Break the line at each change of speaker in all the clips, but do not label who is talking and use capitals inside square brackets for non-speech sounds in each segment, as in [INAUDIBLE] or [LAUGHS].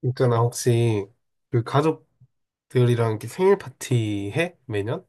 그러니까 나 혹시 그 가족들이랑 이렇게 생일 파티 해? 매년?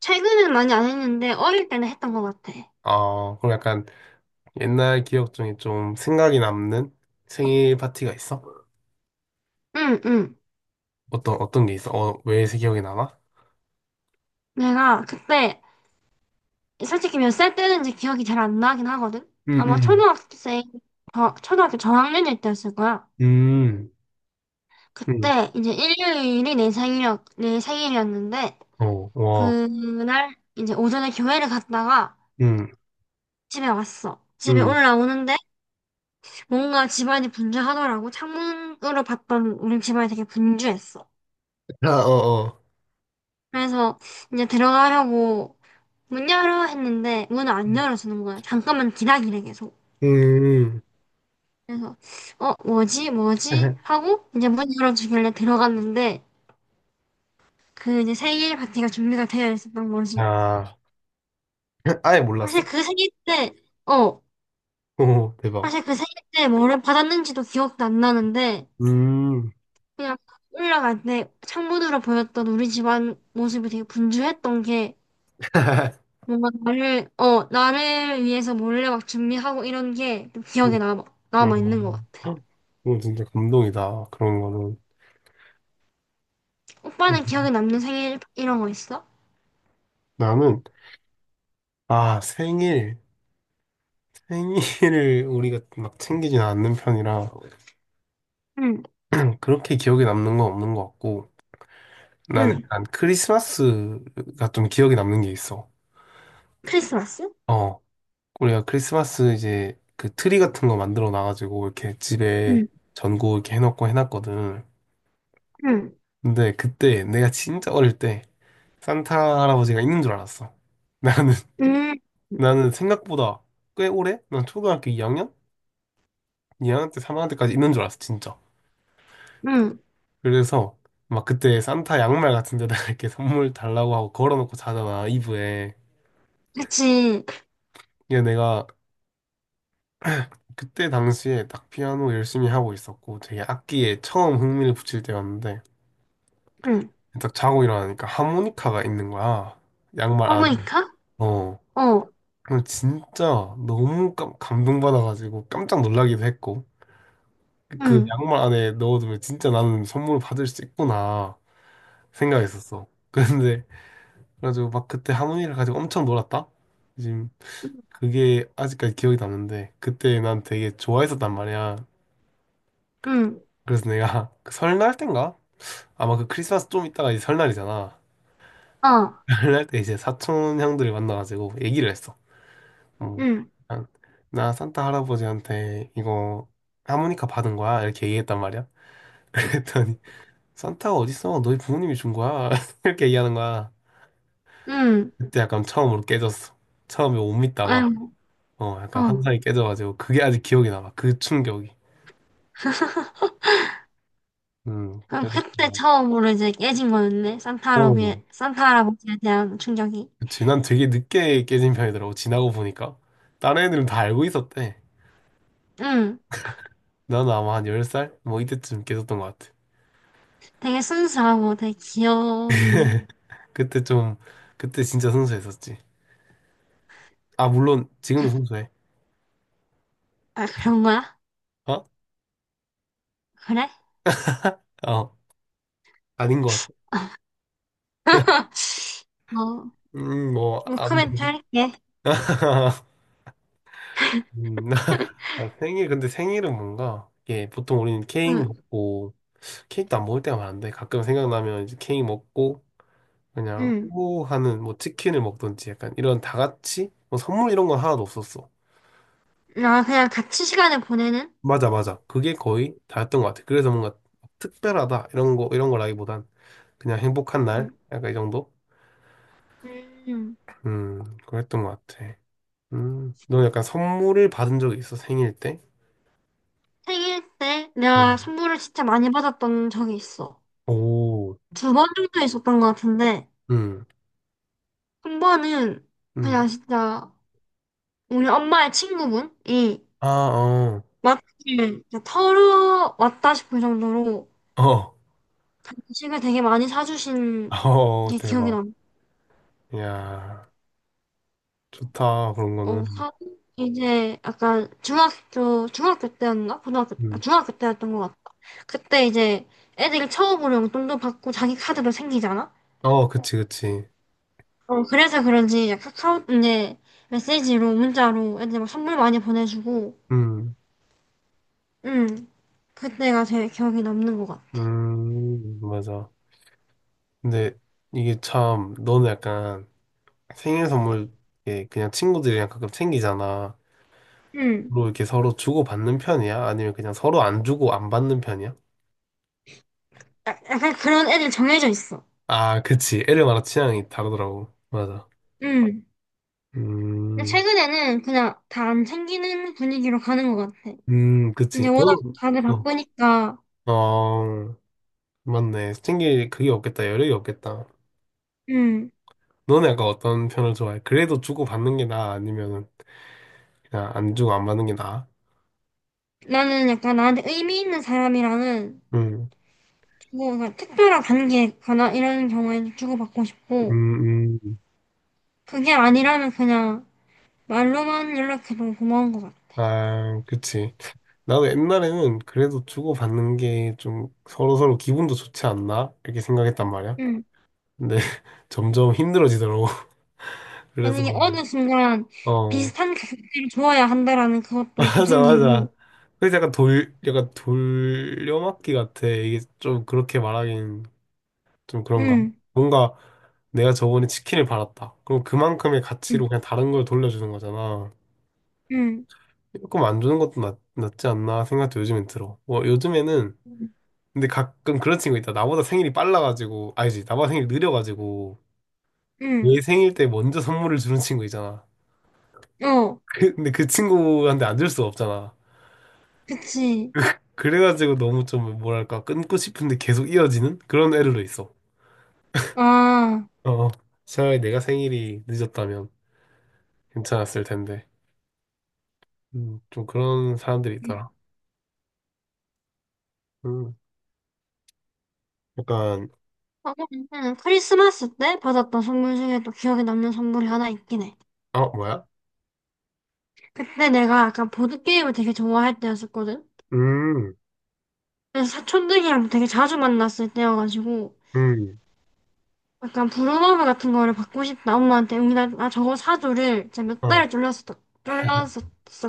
최근엔 많이 안 했는데 어릴 때는 했던 것 같아.
아, 그럼 약간 옛날 기억 중에 좀 생각이 남는 생일 파티가 있어?
응, 응.
어떤, 어떤 게 있어? 어, 왜 기억이 남아?
내가 그때 솔직히 몇 살 때는지 기억이 잘 안 나긴 하거든. 아마
음,
초등학생 저, 초등학교 저학년일 때였을 거야.
음, 음, 음,
그때 이제 일요일이 내 생일이었는데
어, 와,
그날 이제 오전에 교회를 갔다가
음,
집에 왔어. 집에
음,
올라오는데 뭔가 집안이 분주하더라고. 창문으로 봤던 우리 집안이 되게 분주했어.
아, 어, 어,
그래서 이제 들어가려고 문 열어 했는데 문을 안 열어주는 거야. 잠깐만 기다리래 계속.
음,
그래서 뭐지 뭐지
[LAUGHS]
하고 이제 문 열어주길래 들어갔는데 그 이제 생일 파티가 준비가 되어 있었던 거지.
아, [LAUGHS] 아예
사실
몰랐어?
그 생일 때 어
오, 대박.
사실 그 생일 때 뭐를 받았는지도 기억도 안 나는데
음,
그냥 올라갈 때 창문으로 보였던 우리 집안 모습이 되게 분주했던 게
[LAUGHS]
뭔가 나를 위해서 몰래 막 준비하고 이런 게
음,
기억에 남아
어,
있는 것 같아.
어, 진짜 감동이다. 그런 거는.
오빠는 기억에 남는 생일 이런 거 있어?
나는 아, 생일. 생일을 우리가 막 챙기진 않는 편이라
응,
그렇게 기억에 남는 건 없는 것 같고 나는
응.
약간 크리스마스가 좀 기억에 남는 게 있어.
크리스마스?
어, 우리가 크리스마스 이제 그 트리 같은 거 만들어 놔가지고 이렇게 집에
응,
전구 이렇게 해놓고 해놨거든.
응,
근데 그때 내가 진짜 어릴 때 산타 할아버지가 있는 줄 알았어. 나는
응,
[LAUGHS] 나는 생각보다 꽤 오래? 난 초등학교 2학년? 2학년 때 3학년 때까지 있는 줄 알았어, 진짜.
응.
그래서 막 그때 산타 양말 같은 데다가 이렇게 선물 달라고 하고 걸어놓고 자잖아, 이브에.
그치.
이게 내가 그때 당시에 딱 피아노 열심히 하고 있었고 되게 악기에 처음 흥미를 붙일 때였는데
응.
딱 자고 일어나니까 하모니카가 있는 거야.
하
양말
모
안에.
니카
어.
어,
그럼 진짜 너무 감동받아가지고 깜짝 놀라기도 했고 그
응,
양말 안에 넣어두면 진짜 나는 선물을 받을 수 있구나 생각했었어. [LAUGHS] 그런데 그래가지고 막 그때 하모니를 가지고 엄청 놀았다. 그게 아직까지 기억이 남는데 그때 난 되게 좋아했었단 말이야.
응,
그래서 내가 [LAUGHS] 그 설날 땐가? 아마 그 크리스마스 좀 있다가 이제 설날이잖아.
어,
[LAUGHS] 설날 때 이제 사촌 형들을 만나가지고 얘기를 했어. 어,
응,
난- 나 산타 할아버지한테 이거 하모니카 받은 거야 이렇게 얘기했단 말이야. [LAUGHS] 그랬더니 산타가 어딨어? 너희 부모님이 준 거야 [LAUGHS] 이렇게 얘기하는 거야.
응.
그때 약간 처음으로 깨졌어. 처음에 못 믿다가
아유,
어 약간
어.
환상이 깨져가지고 그게 아직 기억이 남아. 그 충격이.
[LAUGHS] 그럼
그,
그때 처음으로 이제 깨진 거였네. 산타
어,
할아버지, 산타 할아버지에 대한 충격이.
그치. 난 되게 늦게 깨진 편이더라고. 지나고 보니까. 다른 애들은 다 알고 있었대.
응.
나는 아마 한 10살? 뭐 이때쯤 깨졌던 것 같아.
되게 순수하고 되게 귀엽네.
[LAUGHS] 그때 좀, 그때 진짜 순수했었지. 아, 물론 지금도 순수해.
아, 그런 거야?
어?
그래?
어, 아닌 것 같아.
[LAUGHS] 어,
뭐,
뭐 코멘트
아무튼.
할게.
[LAUGHS] 음,
[LAUGHS]
[LAUGHS] 아, 생일, 근데 생일은 뭔가, 이게 보통 우리는 케이크
응.
먹고, 케이크도 안 먹을 때가 많은데, 가끔 생각나면 이제 케이크 먹고, 그냥,
응.
오 하는 뭐 치킨을 먹던지 약간 이런 다 같이, 뭐 선물 이런 건 하나도 없었어.
아, 그냥 같이 시간을 보내는?
맞아, 맞아. 그게 거의 다였던 것 같아. 그래서 뭔가 특별하다, 이런 거, 이런 거라기보단 그냥 행복한 날?
응.
약간 이 정도?
음.
그랬던 것 같아. 너 약간 선물을 받은 적이 있어, 생일 때?
생일 때 내가
음.
선물을 진짜 많이 받았던 적이 있어.
오,
2번 정도 있었던 것 같은데,
음,
1번은
음.
그냥 진짜 우리 엄마의 친구분이
아, 어,
마트를 진짜 털어왔다 싶을 정도로
어,
간식을 되게 많이 사주신
[LAUGHS] 어,
게 기억이
대박.
나.
야, 좋다, 그런
어,
거는.
사- 이제 약간 중학교 때였나? 고등학교, 아,
음,
중학교 때였던 것 같아. 그때 이제 애들이 처음으로 용돈도 받고 자기 카드도 생기잖아?
어, 그치, 그치.
어, 그래서 그런지 카카오, 이제 메시지로, 문자로 애들 막 선물 많이 보내주고,
음,
응, 그때가 제일 기억에 남는 것 같아.
맞아. 근데 이게 참, 너는 약간, 생일 선물 이렇게 그냥 친구들이랑 가끔 챙기잖아.
응.
로 이렇게 서로 주고받는 편이야? 아니면 그냥 서로 안 주고 안 받는 편이야?
야- 약간 그런 애들 정해져 있어.
아, 그치. 애들마다 취향이 다르더라고. 맞아.
응. 근데
음,
최근에는 그냥 다 안 챙기는 분위기로 가는 것 같아. 이제
그치.
워낙
너는,
다들 바쁘니까,
어, 어, 맞네. 챙길 그게 없겠다. 여력이 없겠다.
응.
너는 약간 어떤 편을 좋아해? 그래도 주고받는 게 나아? 아니면은 그냥 안 주고 안 받는 게 나아?
나는 약간 나한테 의미 있는 사람이랑은
음,
주고 그냥 특별한 관계거나 이런 경우에는 주고받고 싶고
음, 음.
그게 아니라면 그냥 말로만 연락해도 고마운 것 같아.
아, 그치. 나도 옛날에는 그래도 주고받는 게 좀 서로서로 기분도 좋지 않나? 이렇게 생각했단 말이야.
응.
근데 [LAUGHS] 점점 힘들어지더라고. [LAUGHS] 그래서,
만약에 어느 순간
어,
비슷한 가격대를 줘야 한다라는
[LAUGHS]
그것도 좀
맞아,
생기고
맞아. 그래서 약간 약간 돌려막기 같아. 이게 좀 그렇게 말하긴 좀 그런가?
응.
뭔가 내가 저번에 치킨을 받았다. 그럼 그만큼의
응.
가치로 그냥 다른 걸 돌려주는 거잖아.
응.
조금 안 주는 것도 낫지 않나 생각도 요즘엔 들어. 뭐 요즘에는
응.
근데 가끔 그런 친구 있다. 나보다 생일이 빨라가지고, 아니지, 나보다 생일이 느려가지고,
응.
얘 생일 때 먼저 선물을 주는 친구 있잖아.
어.
근데 그 친구한테 안 줄 수가 없잖아.
그치.
그래가지고 너무 좀, 뭐랄까, 끊고 싶은데 계속 이어지는 그런 애들도 있어.
아.
어, 어. 차라리 내가 생일이 늦었다면 괜찮았을 텐데. 좀 그런 사람들이 있더라. 음, 약간,
어, 응. 크리스마스 때 받았던 선물 중에 또 기억에 남는 선물이 하나 있긴 해.
어, 뭐야?
그때 내가 약간 보드게임을 되게 좋아할 때였었거든.
음,
사촌들이랑 되게 자주 만났을 때여가지고
음,
약간 브루노브 같은 거를 받고 싶다 엄마한테 우리 나 저거 사줘를 진짜 몇
어,
달을 졸렸었졸렸었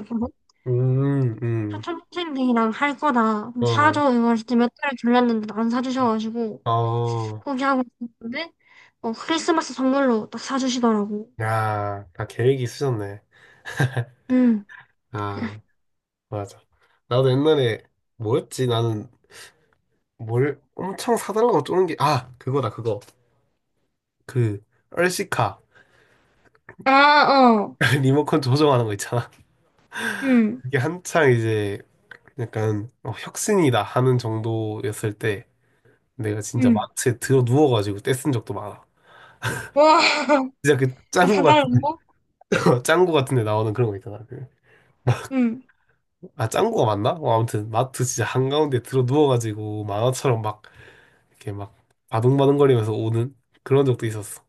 거든
음, 음,
사촌 동생들이랑 할 거다 그럼
어,
사줘 이걸 진짜 몇 달을 졸렸는데 안 사주셔가지고
어,
포기하고 있었는데 어 크리스마스 선물로 딱 사주시더라고.
야, 다 계획이 있으셨네.
응.
아. 맞아. 나도 옛날에 뭐였지? 나는 뭘 엄청 사달라고 쪼는 게, 아, 그거다, 그거. 그, 얼씨카.
아. 어.
[LAUGHS] 리모컨 조정하는 거 있잖아.
응.
그게 한창 이제 약간 어, 혁신이다 하는 정도였을 때 내가 진짜
응.
마트에 들어 누워가지고 떼쓴 적도 많아.
와. [LAUGHS]
진짜 그
저
짱구 같은,
사달라고.
[LAUGHS] 짱구 같은 데 나오는 그런 거 있잖아. 그,
응
아, 짱구가 맞나? 어, 아무튼 마트 진짜 한가운데 들어 누워가지고 만화처럼 막 이렇게 막 바둥바둥거리면서 오는 그런 적도 있었어.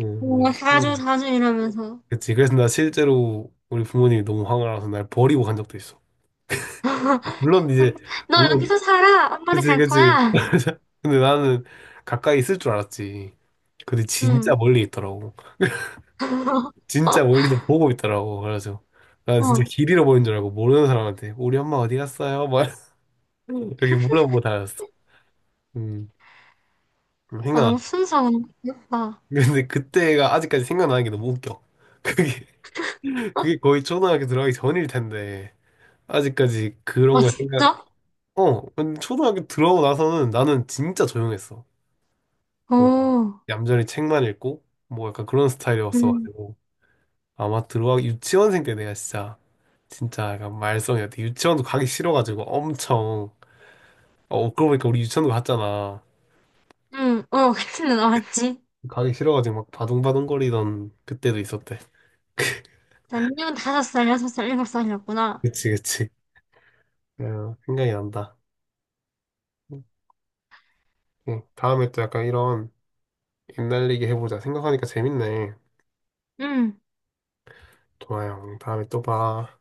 응
와
맞아.
사줘 사줘 이러면서.
그치. 그래서 나 실제로 우리 부모님이 너무 화가 나서 날 버리고 간 적도 있어.
[LAUGHS]
물론 이제,
너
물론,
여기서 살아? 엄마네
그치,
갈
그치.
거야?
[LAUGHS] 근데 나는 가까이 있을 줄 알았지. 근데 진짜
응.
멀리 있더라고.
어?
진짜 멀리서 보고 있더라고. 그래서 나 진짜
어.
길 잃어버린 줄 알고 모르는 사람한테 우리 엄마 어디 갔어요? 막 [LAUGHS] 이렇게 물어보고 다녔어. 음,
아,
생각.
너무 순수하고 너무 귀엽다.
근데 그때가 아직까지 생각나는 게 너무 웃겨. [LAUGHS] 그게 그게 거의 초등학교 들어가기 전일 텐데 아직까지
아,
그런 걸 생각
진짜?
어, 근데 초등학교 들어가고 나서는 나는 진짜 조용했어. 뭔가
오.
얌전히 책만 읽고, 뭐 약간 그런
응.
스타일이었어가지고. 아마 들어가기, 유치원생 때 내가 진짜, 진짜 약간 말썽이었대. 유치원도 가기 싫어가지고 엄청, 어, 그러고 보니까 우리 유치원도 갔잖아.
응, 어, 그렇게 나왔지.
가기 싫어가지고 막 바둥바둥거리던 그때도 있었대.
자, 민혁은 5살, 6살, 7살이었구나.
그치, 그치. 어, 생각이 난다. 응, 다음에 또 약간 이런 옛날 얘기 해보자. 생각하니까 재밌네.
응.
좋아요. 다음에 또 봐.